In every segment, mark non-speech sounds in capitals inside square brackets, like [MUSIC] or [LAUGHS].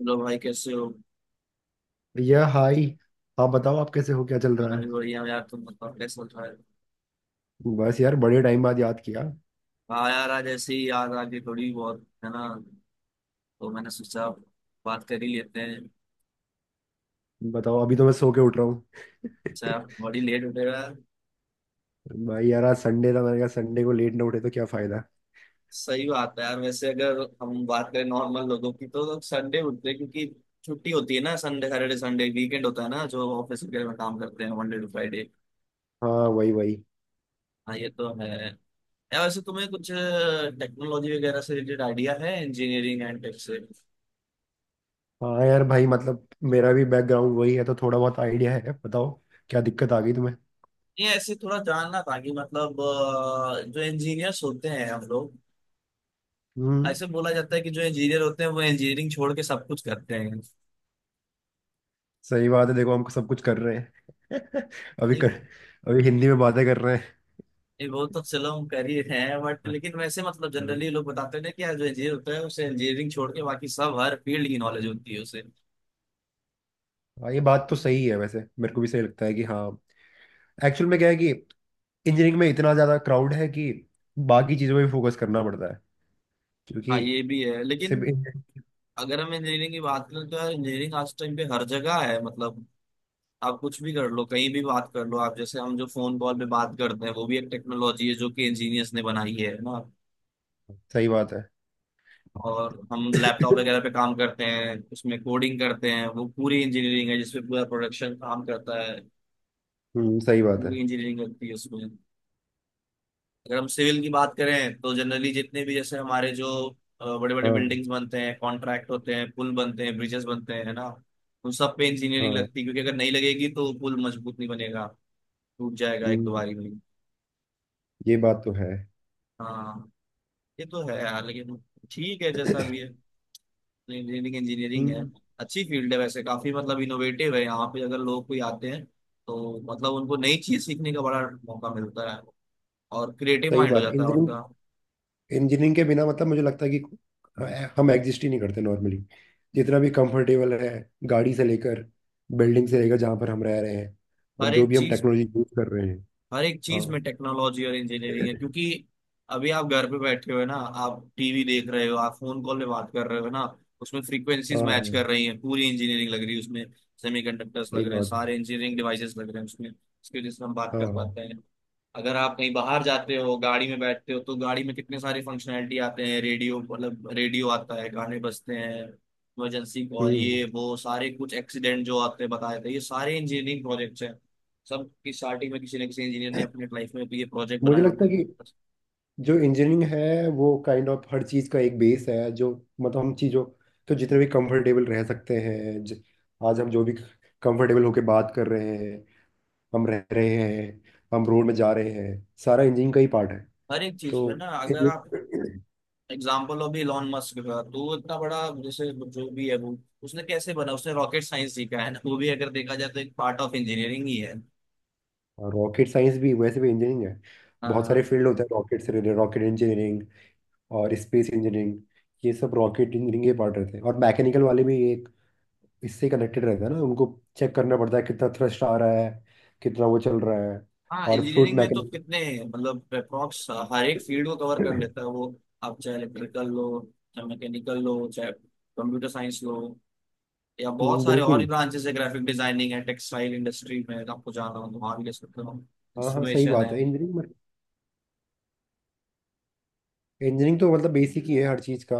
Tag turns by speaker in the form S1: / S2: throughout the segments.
S1: Hello भाई कैसे हो।
S2: भैया हाय। आप बताओ, आप कैसे हो? क्या चल रहा
S1: मैं भी
S2: है?
S1: बढ़िया हूँ यार, तुम बताओ कैसे चल रहा है।
S2: बस यार, बड़े टाइम बाद याद किया।
S1: हाँ यार, आज ऐसे ही याद आ गई थोड़ी बहुत, है ना, तो मैंने सोचा बात कर ही लेते हैं।
S2: बताओ, अभी तो मैं सो के उठ रहा हूँ।
S1: अच्छा बड़ी लेट उठेगा।
S2: भाई यार, आज संडे था, मैंने कहा संडे को लेट ना उठे तो क्या फायदा।
S1: सही बात है यार, वैसे अगर हम बात करें नॉर्मल लोगों की तो लोग संडे उठते हैं क्योंकि छुट्टी होती है ना। संडे सैटरडे, संडे वीकेंड होता है ना, जो ऑफिस वगैरह में काम करते हैं मंडे टू फ्राइडे।
S2: हाँ, वही वही।
S1: हाँ ये तो है। यार वैसे तुम्हें कुछ टेक्नोलॉजी वगैरह से रिलेटेड आइडिया है, इंजीनियरिंग एंड टेक से?
S2: हाँ यार भाई, मतलब, मेरा भी बैकग्राउंड वही है तो थोड़ा बहुत आइडिया है। बताओ क्या दिक्कत आ गई तुम्हें?
S1: ये ऐसे थोड़ा जानना था कि मतलब, जो इंजीनियर्स होते हैं हम लोग,
S2: हम्म।
S1: ऐसे बोला जाता है कि जो इंजीनियर होते हैं वो इंजीनियरिंग छोड़ के सब कुछ करते हैं।
S2: सही बात है, देखो हम सब कुछ कर रहे हैं [LAUGHS] अभी
S1: नहीं,
S2: कर अभी हिंदी में बातें कर रहे हैं।
S1: ये वो तो चलो हम कर ही रहे हैं, बट
S2: हाँ,
S1: लेकिन वैसे मतलब जनरली लोग बताते हैं ना कि यार जो इंजीनियर होता है उसे इंजीनियरिंग छोड़ के बाकी सब हर फील्ड की नॉलेज होती है उसे।
S2: हाँ, ये बात तो सही है, वैसे मेरे को भी सही लगता है कि हाँ। एक्चुअल में क्या है कि इंजीनियरिंग में इतना ज़्यादा क्राउड है कि बाकी चीज़ों में भी फोकस करना पड़ता है,
S1: हाँ
S2: क्योंकि
S1: ये भी है लेकिन
S2: सिर्फ इंजीनियरिंग।
S1: अगर हम इंजीनियरिंग की बात करें तो यार इंजीनियरिंग आज टाइम पे हर जगह है। मतलब आप कुछ भी कर लो, कहीं भी बात कर लो, आप जैसे हम जो फोन कॉल पे बात करते हैं वो भी एक टेक्नोलॉजी है जो कि इंजीनियर्स ने बनाई है ना।
S2: सही बात है [LAUGHS]
S1: और हम लैपटॉप वगैरह पे काम करते हैं, उसमें कोडिंग करते हैं, वो पूरी इंजीनियरिंग है जिसमें पूरा प्रोडक्शन काम करता है।
S2: सही बात
S1: पूरी
S2: है।
S1: इंजीनियरिंग लगती है उसमें। अगर हम सिविल की बात करें तो जनरली जितने भी जैसे हमारे जो बड़े बड़े
S2: हाँ
S1: बिल्डिंग्स बनते हैं, कॉन्ट्रैक्ट होते हैं, पुल बनते हैं, ब्रिजेस बनते हैं, है ना, उन सब पे इंजीनियरिंग
S2: हाँ।
S1: लगती है क्योंकि अगर नहीं लगेगी तो पुल मजबूत नहीं बनेगा, टूट जाएगा एक दो
S2: हम्म,
S1: बारी में।
S2: ये बात तो है।
S1: हाँ ये तो है यार, लेकिन ठीक है, जैसा भी है, इंजीनियरिंग इंजीनियरिंग है।
S2: हम्म,
S1: अच्छी फील्ड है वैसे, काफी मतलब इनोवेटिव है। यहाँ पे अगर लोग कोई आते हैं तो मतलब उनको नई चीज सीखने का बड़ा मौका मिलता है, और क्रिएटिव
S2: सही
S1: माइंड हो
S2: बात।
S1: जाता है उनका।
S2: इंजीनियरिंग इंजीनियरिंग के बिना मतलब मुझे लगता है कि हम एग्जिस्ट ही नहीं करते नॉर्मली। जितना भी कंफर्टेबल है, गाड़ी से लेकर, बिल्डिंग से लेकर, जहाँ पर हम रह रहे हैं, और
S1: हर
S2: जो
S1: एक
S2: भी हम
S1: चीज में,
S2: टेक्नोलॉजी यूज कर रहे हैं।
S1: हर एक चीज
S2: हाँ
S1: में टेक्नोलॉजी और इंजीनियरिंग है, क्योंकि अभी आप घर पे बैठे हो ना, आप टीवी देख रहे हो, आप फोन कॉल में बात कर रहे हो ना, उसमें फ्रीक्वेंसीज मैच
S2: हाँ
S1: कर रही हैं, पूरी इंजीनियरिंग लग रही है उसमें। सेमीकंडक्टर्स
S2: सही
S1: लग रहे हैं,
S2: बात है।
S1: सारे इंजीनियरिंग डिवाइसेस लग रहे हैं उसमें, इसकी वजह से हम बात
S2: हाँ
S1: कर
S2: हाँ।
S1: पाते हैं। अगर आप कहीं बाहर जाते हो, गाड़ी में बैठते हो, तो गाड़ी में कितने सारे फंक्शनैलिटी आते हैं, रेडियो, मतलब रेडियो आता है, गाने बजते हैं, इमरजेंसी कॉल,
S2: हम्म।
S1: ये वो सारे कुछ एक्सीडेंट जो आते हैं बताए थे, ये सारे इंजीनियरिंग प्रोजेक्ट्स हैं। सब की स्टार्टिंग में किसी न किसी इंजीनियर ने अपने लाइफ में भी ये प्रोजेक्ट
S2: मुझे
S1: बनाए
S2: लगता
S1: होते
S2: है
S1: हैं।
S2: कि जो इंजीनियरिंग है वो काइंड ऑफ हर चीज का एक बेस है, जो मतलब हम चीजों, तो जितने भी कंफर्टेबल रह सकते हैं, आज हम जो भी कंफर्टेबल होके बात कर रहे हैं, हम रह रहे हैं, हम रोड में जा रहे हैं, सारा इंजीनियरिंग का ही पार्ट है।
S1: हर एक चीज
S2: तो
S1: में ना, अगर आप एग्जाम्पल हो भी इलॉन मस्क का, तो वो इतना बड़ा जैसे जो भी है वो, उसने कैसे बना, उसने रॉकेट साइंस सीखा है ना, वो भी अगर देखा जाए तो एक पार्ट ऑफ इंजीनियरिंग ही है।
S2: रॉकेट साइंस भी वैसे भी इंजीनियरिंग है। बहुत सारे
S1: हाँ
S2: फील्ड होते हैं रॉकेट से रिलेटेड, रॉकेट इंजीनियरिंग और स्पेस इंजीनियरिंग, ये सब रॉकेट इंजीनियरिंग के पार्ट रहते हैं। और मैकेनिकल वाले भी एक इससे कनेक्टेड रहता है ना उनको। चेक करना पड़ता है कितना थ्रस्ट आ रहा है, कितना वो चल रहा है,
S1: हाँ,
S2: और फ्लूइड
S1: इंजीनियरिंग में तो
S2: मैकेनिक।
S1: कितने मतलब अप्रॉक्स हर एक फील्ड को कवर कर
S2: [CLEARS THROAT]
S1: लेता है वो। आप चाहे इलेक्ट्रिकल लो, चाहे मैकेनिकल लो, चाहे कंप्यूटर साइंस लो, या बहुत सारे और भी
S2: बिल्कुल।
S1: ब्रांचेस है। ग्राफिक डिजाइनिंग है, टेक्सटाइल इंडस्ट्री में अगर आपको जाना हो तो वहाँ भी ले सकते हो।
S2: हाँ हाँ सही
S1: इंस्ट्रूमेशन है।
S2: बात है। इंजीनियरिंग इंजीनियरिंग तो मतलब बेसिक ही है हर चीज़ का।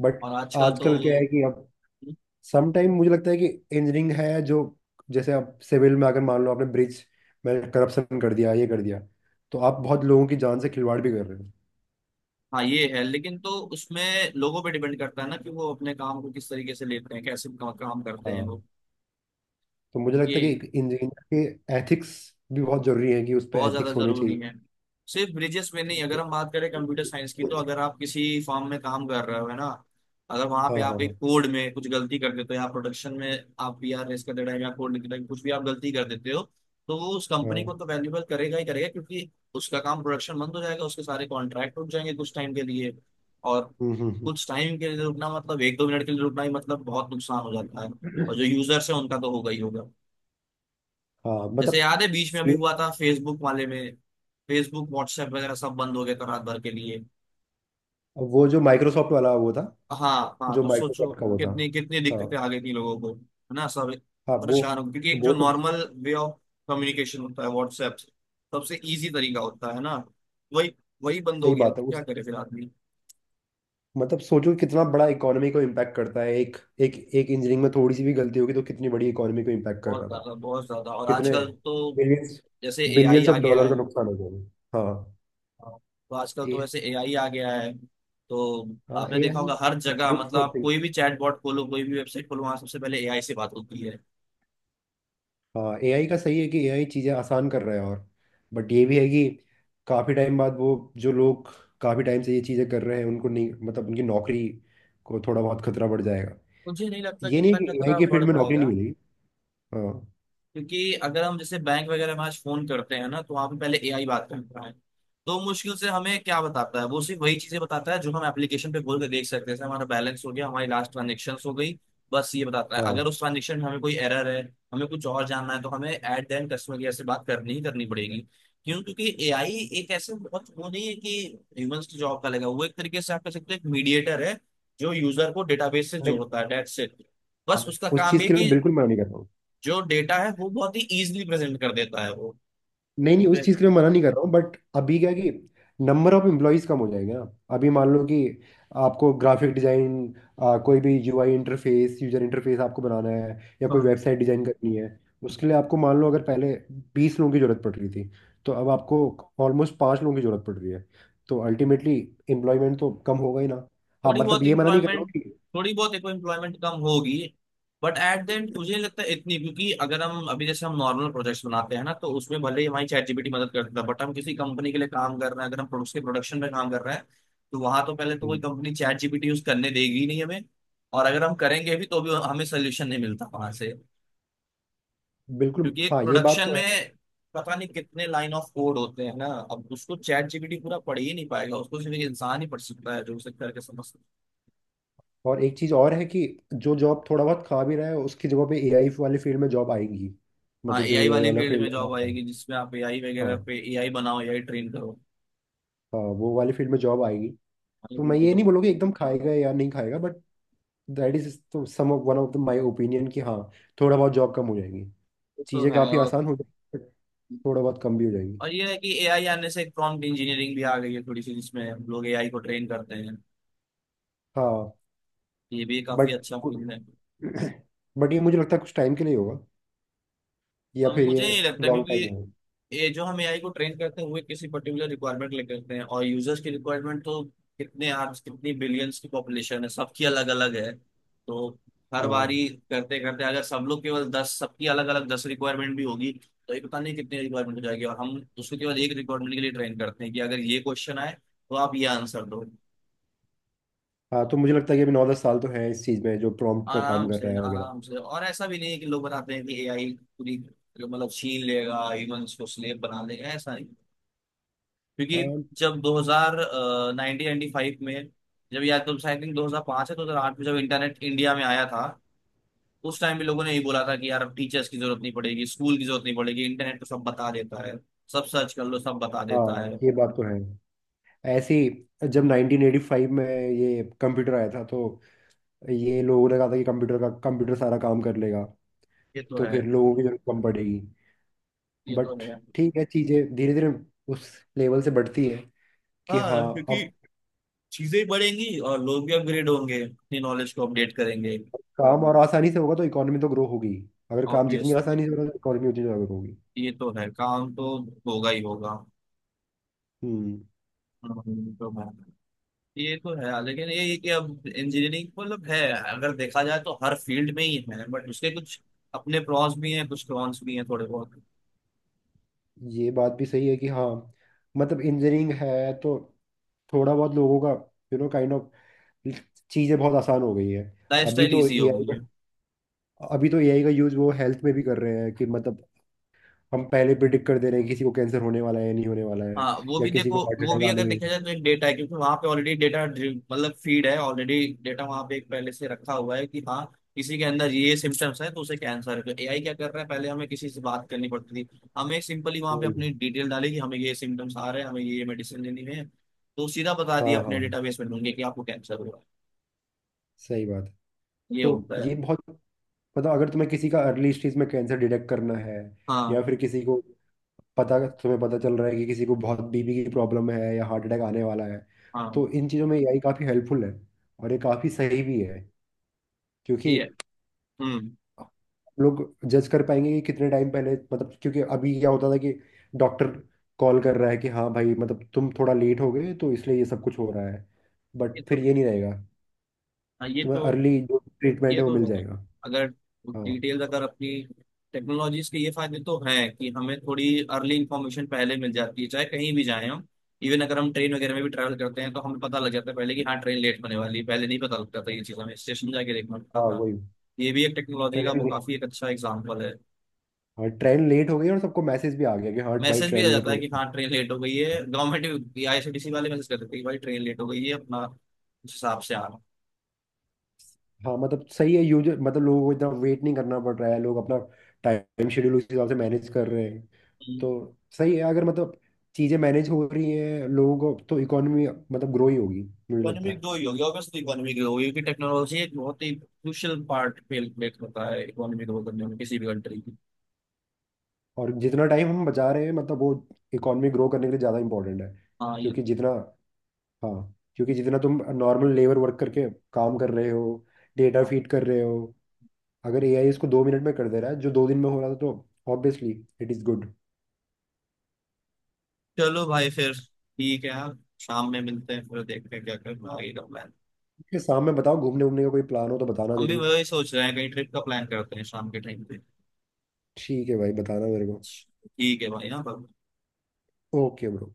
S2: बट
S1: और आजकल
S2: आजकल क्या है
S1: तो,
S2: कि अब सम टाइम मुझे लगता है कि इंजीनियरिंग है जो, जैसे आप सिविल में अगर मान लो आपने ब्रिज में करप्शन कर दिया, ये कर दिया, तो आप बहुत लोगों की जान से खिलवाड़ भी कर रहे हो।
S1: हाँ ये है लेकिन, तो उसमें लोगों पे डिपेंड करता है ना कि वो अपने काम को किस तरीके से लेते हैं, कैसे काम करते हैं
S2: हाँ।
S1: वो।
S2: तो मुझे लगता
S1: क्योंकि
S2: है कि इंजीनियर के एथिक्स भी बहुत जरूरी है, कि उस पर
S1: बहुत ज्यादा
S2: एथिक्स होने
S1: जरूरी
S2: चाहिए।
S1: है। सिर्फ ब्रिजेस में नहीं, अगर हम बात करें कंप्यूटर साइंस की तो
S2: हाँ
S1: अगर आप किसी फॉर्म में काम कर रहे हो, है ना, अगर वहां
S2: हाँ
S1: पे
S2: हाँ
S1: आप
S2: हाँ।
S1: एक कोड में कुछ गलती कर देते हो या प्रोडक्शन में आप पी आर रेस कर दे रहे हो या कोड लिख रहे हो, कुछ भी आप गलती कर देते हो, तो वो उस कंपनी को तो वैल्यूबल करेगा ही करेगा, क्योंकि उसका काम प्रोडक्शन बंद हो जाएगा, उसके सारे कॉन्ट्रैक्ट रुक जाएंगे कुछ टाइम के लिए। और
S2: हम्म।
S1: कुछ टाइम के लिए रुकना मतलब 1-2 मिनट के लिए रुकना ही मतलब बहुत नुकसान हो जाता है।
S2: हम्म।
S1: और जो यूजर्स है उनका तो होगा ही होगा।
S2: हाँ
S1: जैसे
S2: मतलब
S1: याद है बीच में अभी
S2: सेम।
S1: हुआ था, फेसबुक वाले में, फेसबुक व्हाट्सएप वगैरह सब बंद हो गए थे रात भर के लिए।
S2: वो जो माइक्रोसॉफ्ट वाला वो था,
S1: हाँ हाँ,
S2: जो
S1: तो सोचो
S2: माइक्रोसॉफ्ट का वो था।
S1: कितनी कितनी
S2: हाँ
S1: दिक्कतें आ गई थी लोगों को, है ना, सब
S2: हाँ। वो
S1: परेशान हो गए। क्योंकि एक जो
S2: वो तो
S1: नॉर्मल वे ऑफ कम्युनिकेशन होता है व्हाट्सएप से, सबसे इजी तरीका होता है ना, वही वही बंद हो
S2: सही
S1: गया
S2: बात
S1: तो
S2: है।
S1: क्या
S2: उस
S1: करे फिर आदमी।
S2: मतलब सोचो कितना बड़ा इकोनॉमी को इम्पैक्ट करता है। एक एक एक इंजीनियरिंग में थोड़ी सी भी गलती होगी तो कितनी बड़ी इकोनॉमी को इम्पैक्ट कर
S1: बहुत
S2: रहा था।
S1: ज्यादा, बहुत ज्यादा। और
S2: कितने
S1: आजकल तो,
S2: बिलियंस,
S1: जैसे एआई
S2: बिलियंस
S1: आ
S2: ऑफ
S1: गया
S2: डॉलर का
S1: है,
S2: नुकसान हो गया। हाँ।
S1: तो आजकल
S2: ए
S1: तो वैसे एआई आ गया है, तो
S2: हाँ,
S1: आपने
S2: ए
S1: देखा
S2: आई।
S1: होगा हर
S2: इट्स
S1: जगह,
S2: गुड
S1: मतलब
S2: फॉर।
S1: आप कोई भी चैट बॉट खोलो, कोई भी वेबसाइट खोलो, वहां सबसे पहले एआई से बात होती है।
S2: हाँ एआई का सही है कि एआई चीज़ें आसान कर रहा है, और बट ये भी है कि काफ़ी टाइम बाद वो जो लोग काफ़ी टाइम से ये चीज़ें कर रहे हैं उनको नहीं, मतलब उनकी नौकरी को थोड़ा बहुत खतरा बढ़ जाएगा।
S1: मुझे नहीं लगता कि
S2: ये नहीं है कि
S1: इतना
S2: एआई
S1: खतरा
S2: के
S1: बढ़
S2: फील्ड में नौकरी नहीं
S1: पाएगा,
S2: मिलेगी। हाँ
S1: क्योंकि अगर हम जैसे बैंक वगैरह में आज फोन करते हैं ना, तो वहां पे पहले एआई बात करता है। तो मुश्किल से हमें क्या बताता है वो, सिर्फ वही चीजें बताता है जो हम एप्लीकेशन पे खोल के देख सकते हैं, जैसे हमारा बैलेंस हो गया, हमारी लास्ट ट्रांजेक्शन हो गई, बस ये बताता है।
S2: हाँ।
S1: अगर उस ट्रांजेक्शन में हमें कोई एरर है, हमें कुछ और जानना है, तो हमें एट देन कस्टमर केयर से बात करनी ही करनी पड़ेगी। क्यों? क्योंकि एआई एक ऐसे बहुत वो नहीं है कि ह्यूमंस की जॉब का लेगा। वो एक तरीके से आप कह सकते हो एक मीडिएटर है जो यूजर को डेटाबेस से
S2: नहीं,
S1: जोड़ता है, डेट्स इट। बस
S2: हाँ,
S1: उसका
S2: उस
S1: काम
S2: चीज़
S1: ये
S2: के लिए
S1: कि
S2: मैं बिल्कुल मना नहीं करता हूँ।
S1: जो डेटा है वो बहुत ही इजीली प्रेजेंट कर देता है वो।
S2: नहीं नहीं, उस
S1: वे-
S2: चीज़ के लिए मैं मना नहीं कर रहा हूँ, बट अभी क्या है कि नंबर ऑफ एम्प्लॉयज़ कम हो जाएंगे ना। अभी मान लो कि आपको ग्राफिक डिज़ाइन, कोई भी यूआई इंटरफेस, यूजर इंटरफेस आपको बनाना है, या कोई
S1: हाँ,
S2: वेबसाइट डिज़ाइन करनी है, उसके लिए आपको मान लो अगर पहले 20 लोगों की ज़रूरत पड़ रही थी, तो अब आपको ऑलमोस्ट पाँच लोगों की ज़रूरत पड़ रही है। तो अल्टीमेटली एम्प्लॉयमेंट तो कम होगा ही ना। हाँ
S1: थोड़ी
S2: मतलब
S1: बहुत
S2: ये मना नहीं कर रहा हूँ कि,
S1: एम्प्लॉयमेंट कम होगी, बट एट द एंड मुझे नहीं लगता है इतनी, क्योंकि अगर हम अभी जैसे हम नॉर्मल प्रोजेक्ट्स बनाते हैं ना, तो उसमें भले ही हमारी चैट जीपीटी मदद कर देता है, बट हम किसी कंपनी के लिए काम कर रहे हैं, अगर हम प्रोडक्ट के प्रोडक्शन में काम कर रहे हैं, तो वहां तो पहले तो कोई
S2: हम्म,
S1: कंपनी चैट जीपीटी यूज करने देगी ही नहीं हमें। और अगर हम करेंगे भी तो भी हमें सोल्यूशन नहीं मिलता वहां से,
S2: बिल्कुल,
S1: क्योंकि एक
S2: हाँ ये बात
S1: प्रोडक्शन
S2: तो
S1: में
S2: है।
S1: पता नहीं कितने लाइन ऑफ कोड होते हैं ना, अब उसको चैट जीपीटी पूरा पढ़ ही नहीं पाएगा, उसको सिर्फ एक इंसान ही पढ़ सकता है जो उसे करके समझ सकता
S2: और एक चीज और है कि जो जॉब थोड़ा बहुत खा भी रहा है उसकी जगह पे एआई वाले फील्ड में जॉब आएंगी।
S1: है। हाँ
S2: मतलब जो
S1: एआई
S2: एआई
S1: वाली
S2: वाला
S1: फील्ड में
S2: फील्ड है।
S1: जॉब
S2: हाँ
S1: आएगी, जिसमें आप एआई वगैरह
S2: हाँ।
S1: पे एआई बनाओ, एआई ट्रेन करो
S2: हाँ, वो वाले फील्ड में जॉब आएगी।
S1: वाली
S2: तो मैं
S1: फील्ड में
S2: ये नहीं
S1: जॉब।
S2: बोलूँगी एकदम खाएगा या नहीं खाएगा, but that is to some of one of the my opinion कि हाँ थोड़ा बहुत जॉब कम हो जाएगी।
S1: ये तो
S2: चीज़ें
S1: है।
S2: काफ़ी आसान हो जाएगी, but थोड़ा बहुत कम भी हो जाएगी।
S1: और ये है कि एआई आने से एक प्रॉम्प्ट इंजीनियरिंग भी आ गई है थोड़ी सी, जिसमें हम लोग एआई को ट्रेन करते हैं।
S2: हाँ
S1: ये भी काफी
S2: बट
S1: अच्छा फील्ड है।
S2: [CLEARS THROAT] ये मुझे लगता है कुछ टाइम के लिए होगा, या
S1: और
S2: फिर
S1: मुझे
S2: ये
S1: नहीं लगता,
S2: लॉन्ग
S1: क्योंकि
S2: टाइम होगा।
S1: ये जो हम एआई को ट्रेन करते हैं वो एक किसी पर्टिकुलर रिक्वायरमेंट लेके करते हैं, और यूजर्स की रिक्वायरमेंट तो कितने आर्ब्स, कितनी बिलियंस की पॉपुलेशन है, सबकी अलग अलग है। तो हर
S2: हाँ
S1: बारी करते करते, अगर सब लोग केवल 10, सबकी अलग अलग 10 रिक्वायरमेंट भी होगी, तो ये पता नहीं कितनी रिक्वायरमेंट हो जाएगी, और हम उसको केवल एक रिक्वायरमेंट के लिए ट्रेन करते हैं कि अगर ये क्वेश्चन आए तो आप ये आंसर दो।
S2: हाँ। तो मुझे लगता है कि अभी 9-10 साल तो है इस चीज़ में जो प्रॉम्प्ट पे काम
S1: आराम
S2: कर
S1: से,
S2: रहा है वगैरह।
S1: आराम से। और ऐसा भी नहीं है कि लोग बताते हैं कि एआई पूरी मतलब छीन लेगा, ह्यूमंस को स्लेव बना देगा, ऐसा नहीं। क्योंकि
S2: हाँ
S1: जब 2000 1995 में, जब या तो आई थिंक 2005 है, 2008 में जब इंटरनेट इंडिया में आया था, उस टाइम भी लोगों ने यही बोला था कि यार अब टीचर्स की जरूरत नहीं पड़ेगी, स्कूल की जरूरत नहीं पड़ेगी, इंटरनेट तो सब बता देता है, सब सर्च कर लो, सब बता देता है।
S2: हाँ, ये बात तो है। ऐसे ही जब 1985 में ये कंप्यूटर आया था, तो ये लोगों ने कहा था कि कंप्यूटर सारा काम कर लेगा,
S1: ये तो
S2: तो
S1: है,
S2: फिर लोगों की जरूरत कम पड़ेगी।
S1: ये तो
S2: बट
S1: है।
S2: ठीक है, चीजें धीरे धीरे उस लेवल से बढ़ती है कि हाँ
S1: हाँ क्योंकि
S2: अब
S1: चीजें बढ़ेंगी और लोग भी अपग्रेड होंगे, अपनी नॉलेज को अपडेट करेंगे।
S2: काम और आसानी से होगा तो इकोनॉमी तो ग्रो होगी। अगर काम जितनी
S1: ऑब्वियस,
S2: आसानी से होगा तो इकोनॉमी उतनी ज्यादा ग्रो होगी।
S1: ये तो है, काम तो होगा ही होगा।
S2: हम्म।
S1: तो है, ये तो है लेकिन ये कि अब इंजीनियरिंग मतलब है, अगर देखा जाए तो हर फील्ड में ही है, बट उसके कुछ अपने प्रॉस भी हैं, कुछ कॉन्स भी हैं थोड़े बहुत।
S2: ये बात भी सही है कि हाँ मतलब इंजीनियरिंग है तो थोड़ा बहुत लोगों का, काइंड ऑफ चीज़ें बहुत आसान हो गई हैं।
S1: लाइफ
S2: अभी
S1: स्टाइल
S2: तो
S1: ईजी हो
S2: एआई
S1: गई
S2: का
S1: है।
S2: अभी तो एआई का यूज़ वो हेल्थ में भी कर रहे हैं, कि मतलब हम पहले प्रिडिक्ट कर दे रहे हैं किसी को कैंसर होने वाला है या नहीं होने वाला है,
S1: हाँ वो
S2: या
S1: भी
S2: किसी को
S1: देखो,
S2: हार्ट
S1: वो
S2: अटैक
S1: भी
S2: आने
S1: अगर देखा
S2: में।
S1: जाए तो एक डेटा है, क्योंकि वहाँ पे ऑलरेडी डेटा मतलब फीड है ऑलरेडी। डेटा वहाँ पे एक पहले से रखा हुआ है कि हाँ किसी के अंदर ये सिम्टम्स है तो उसे कैंसर है। तो एआई क्या कर रहा है, पहले हमें किसी से बात करनी पड़ती थी, हमें सिंपली वहाँ पे
S2: वही।
S1: अपनी डिटेल डाली कि हमें ये सिम्टम्स आ रहे हैं, हमें ये मेडिसिन लेनी है, तो सीधा बता दिया
S2: हाँ
S1: अपने
S2: हाँ
S1: डेटाबेस में ढूंढे कि आपको कैंसर हुआ है।
S2: सही बात है।
S1: ये
S2: तो
S1: होता है।
S2: ये बहुत, मतलब अगर तुम्हें किसी का अर्ली स्टेज में कैंसर डिटेक्ट करना है, या
S1: हाँ
S2: फिर किसी को पता तुम्हें पता चल रहा है कि किसी को बहुत बीपी की प्रॉब्लम है या हार्ट अटैक आने वाला है,
S1: हाँ।
S2: तो इन चीज़ों में एआई काफ़ी हेल्पफुल है, और ये काफ़ी सही भी है। क्योंकि
S1: ये हम्म,
S2: लोग जज कर पाएंगे कि कितने टाइम पहले, मतलब क्योंकि अभी क्या होता था कि डॉक्टर कॉल कर रहा है कि हाँ भाई मतलब तुम थोड़ा लेट हो गए तो इसलिए ये सब कुछ हो रहा है।
S1: ये
S2: बट
S1: तो,
S2: फिर ये नहीं रहेगा,
S1: हाँ ये
S2: तुम्हें
S1: तो,
S2: अर्ली जो ट्रीटमेंट
S1: ये
S2: है वो
S1: तो
S2: मिल
S1: है।
S2: जाएगा।
S1: अगर
S2: हाँ
S1: डिटेल अगर अपनी, टेक्नोलॉजीज के ये फायदे तो हैं कि हमें थोड़ी अर्ली इंफॉर्मेशन पहले मिल जाती है, चाहे कहीं भी जाएं हम। इवन अगर हम ट्रेन वगैरह में भी ट्रैवल करते हैं तो हमें पता लग जाता है पहले कि हाँ ट्रेन लेट होने वाली है। पहले नहीं पता लगता था, ये चीज़ हमें स्टेशन जाके देखना पड़ता
S2: हाँ।
S1: था।
S2: वही।
S1: ये भी एक टेक्नोलॉजी का
S2: ट्रेन
S1: वो
S2: लेट
S1: काफी एक अच्छा एग्जाम्पल है।
S2: हाँ, ट्रेन लेट हो गई और सबको मैसेज भी आ गया कि हाँ भाई
S1: मैसेज भी आ
S2: ट्रेन लेट
S1: जाता है
S2: होने
S1: कि
S2: वाली
S1: हाँ ट्रेन लेट हो गई
S2: है।
S1: है, गवर्नमेंट, आईआरसीटीसी वाले मैसेज कर देते हैं कि भाई ट्रेन लेट हो गई है, अपना उस हिसाब से आना।
S2: हाँ मतलब सही है, यूजर मतलब लोगों को इतना वेट नहीं करना पड़ रहा है, लोग अपना टाइम शेड्यूल उस हिसाब से मैनेज कर रहे हैं। तो सही है, अगर मतलब चीज़ें मैनेज हो रही हैं लोगों को, तो इकोनॉमी मतलब ग्रो ही होगी, मुझे लगता
S1: इकोनॉमिक
S2: है।
S1: ग्रो ही होगी, ऑब्वियसली इकोनॉमिक ग्रो होगी, क्योंकि टेक्नोलॉजी एक बहुत ही क्रूशियल पार्ट प्ले होता है इकोनॉमी ग्रो करने में किसी भी कंट्री की।
S2: और जितना टाइम हम बचा रहे हैं मतलब वो इकोनॉमी ग्रो करने के लिए ज़्यादा इंपॉर्टेंट है,
S1: हाँ ये
S2: क्योंकि
S1: तो
S2: जितना हाँ, क्योंकि जितना तुम नॉर्मल लेबर वर्क करके काम कर रहे हो, डेटा
S1: हाँ।
S2: फीड कर रहे हो, अगर एआई इसको 2 मिनट में कर दे रहा है जो 2 दिन में हो रहा था, तो ऑब्वियसली इट इज़ गुड।
S1: चलो भाई फिर, ठीक है यार, शाम में मिलते हैं, फिर देखते हैं क्या करना, आगे का प्लान।
S2: शाम में बताओ घूमने वूमने का कोई प्लान हो तो बताना
S1: हम भी
S2: ज़रूर।
S1: वही सोच रहे हैं, कहीं ट्रिप का प्लान करते हैं शाम के टाइम पे।
S2: ठीक है भाई, बताना मेरे को।
S1: ठीक है भाई, हाँ bye।
S2: Okay bro.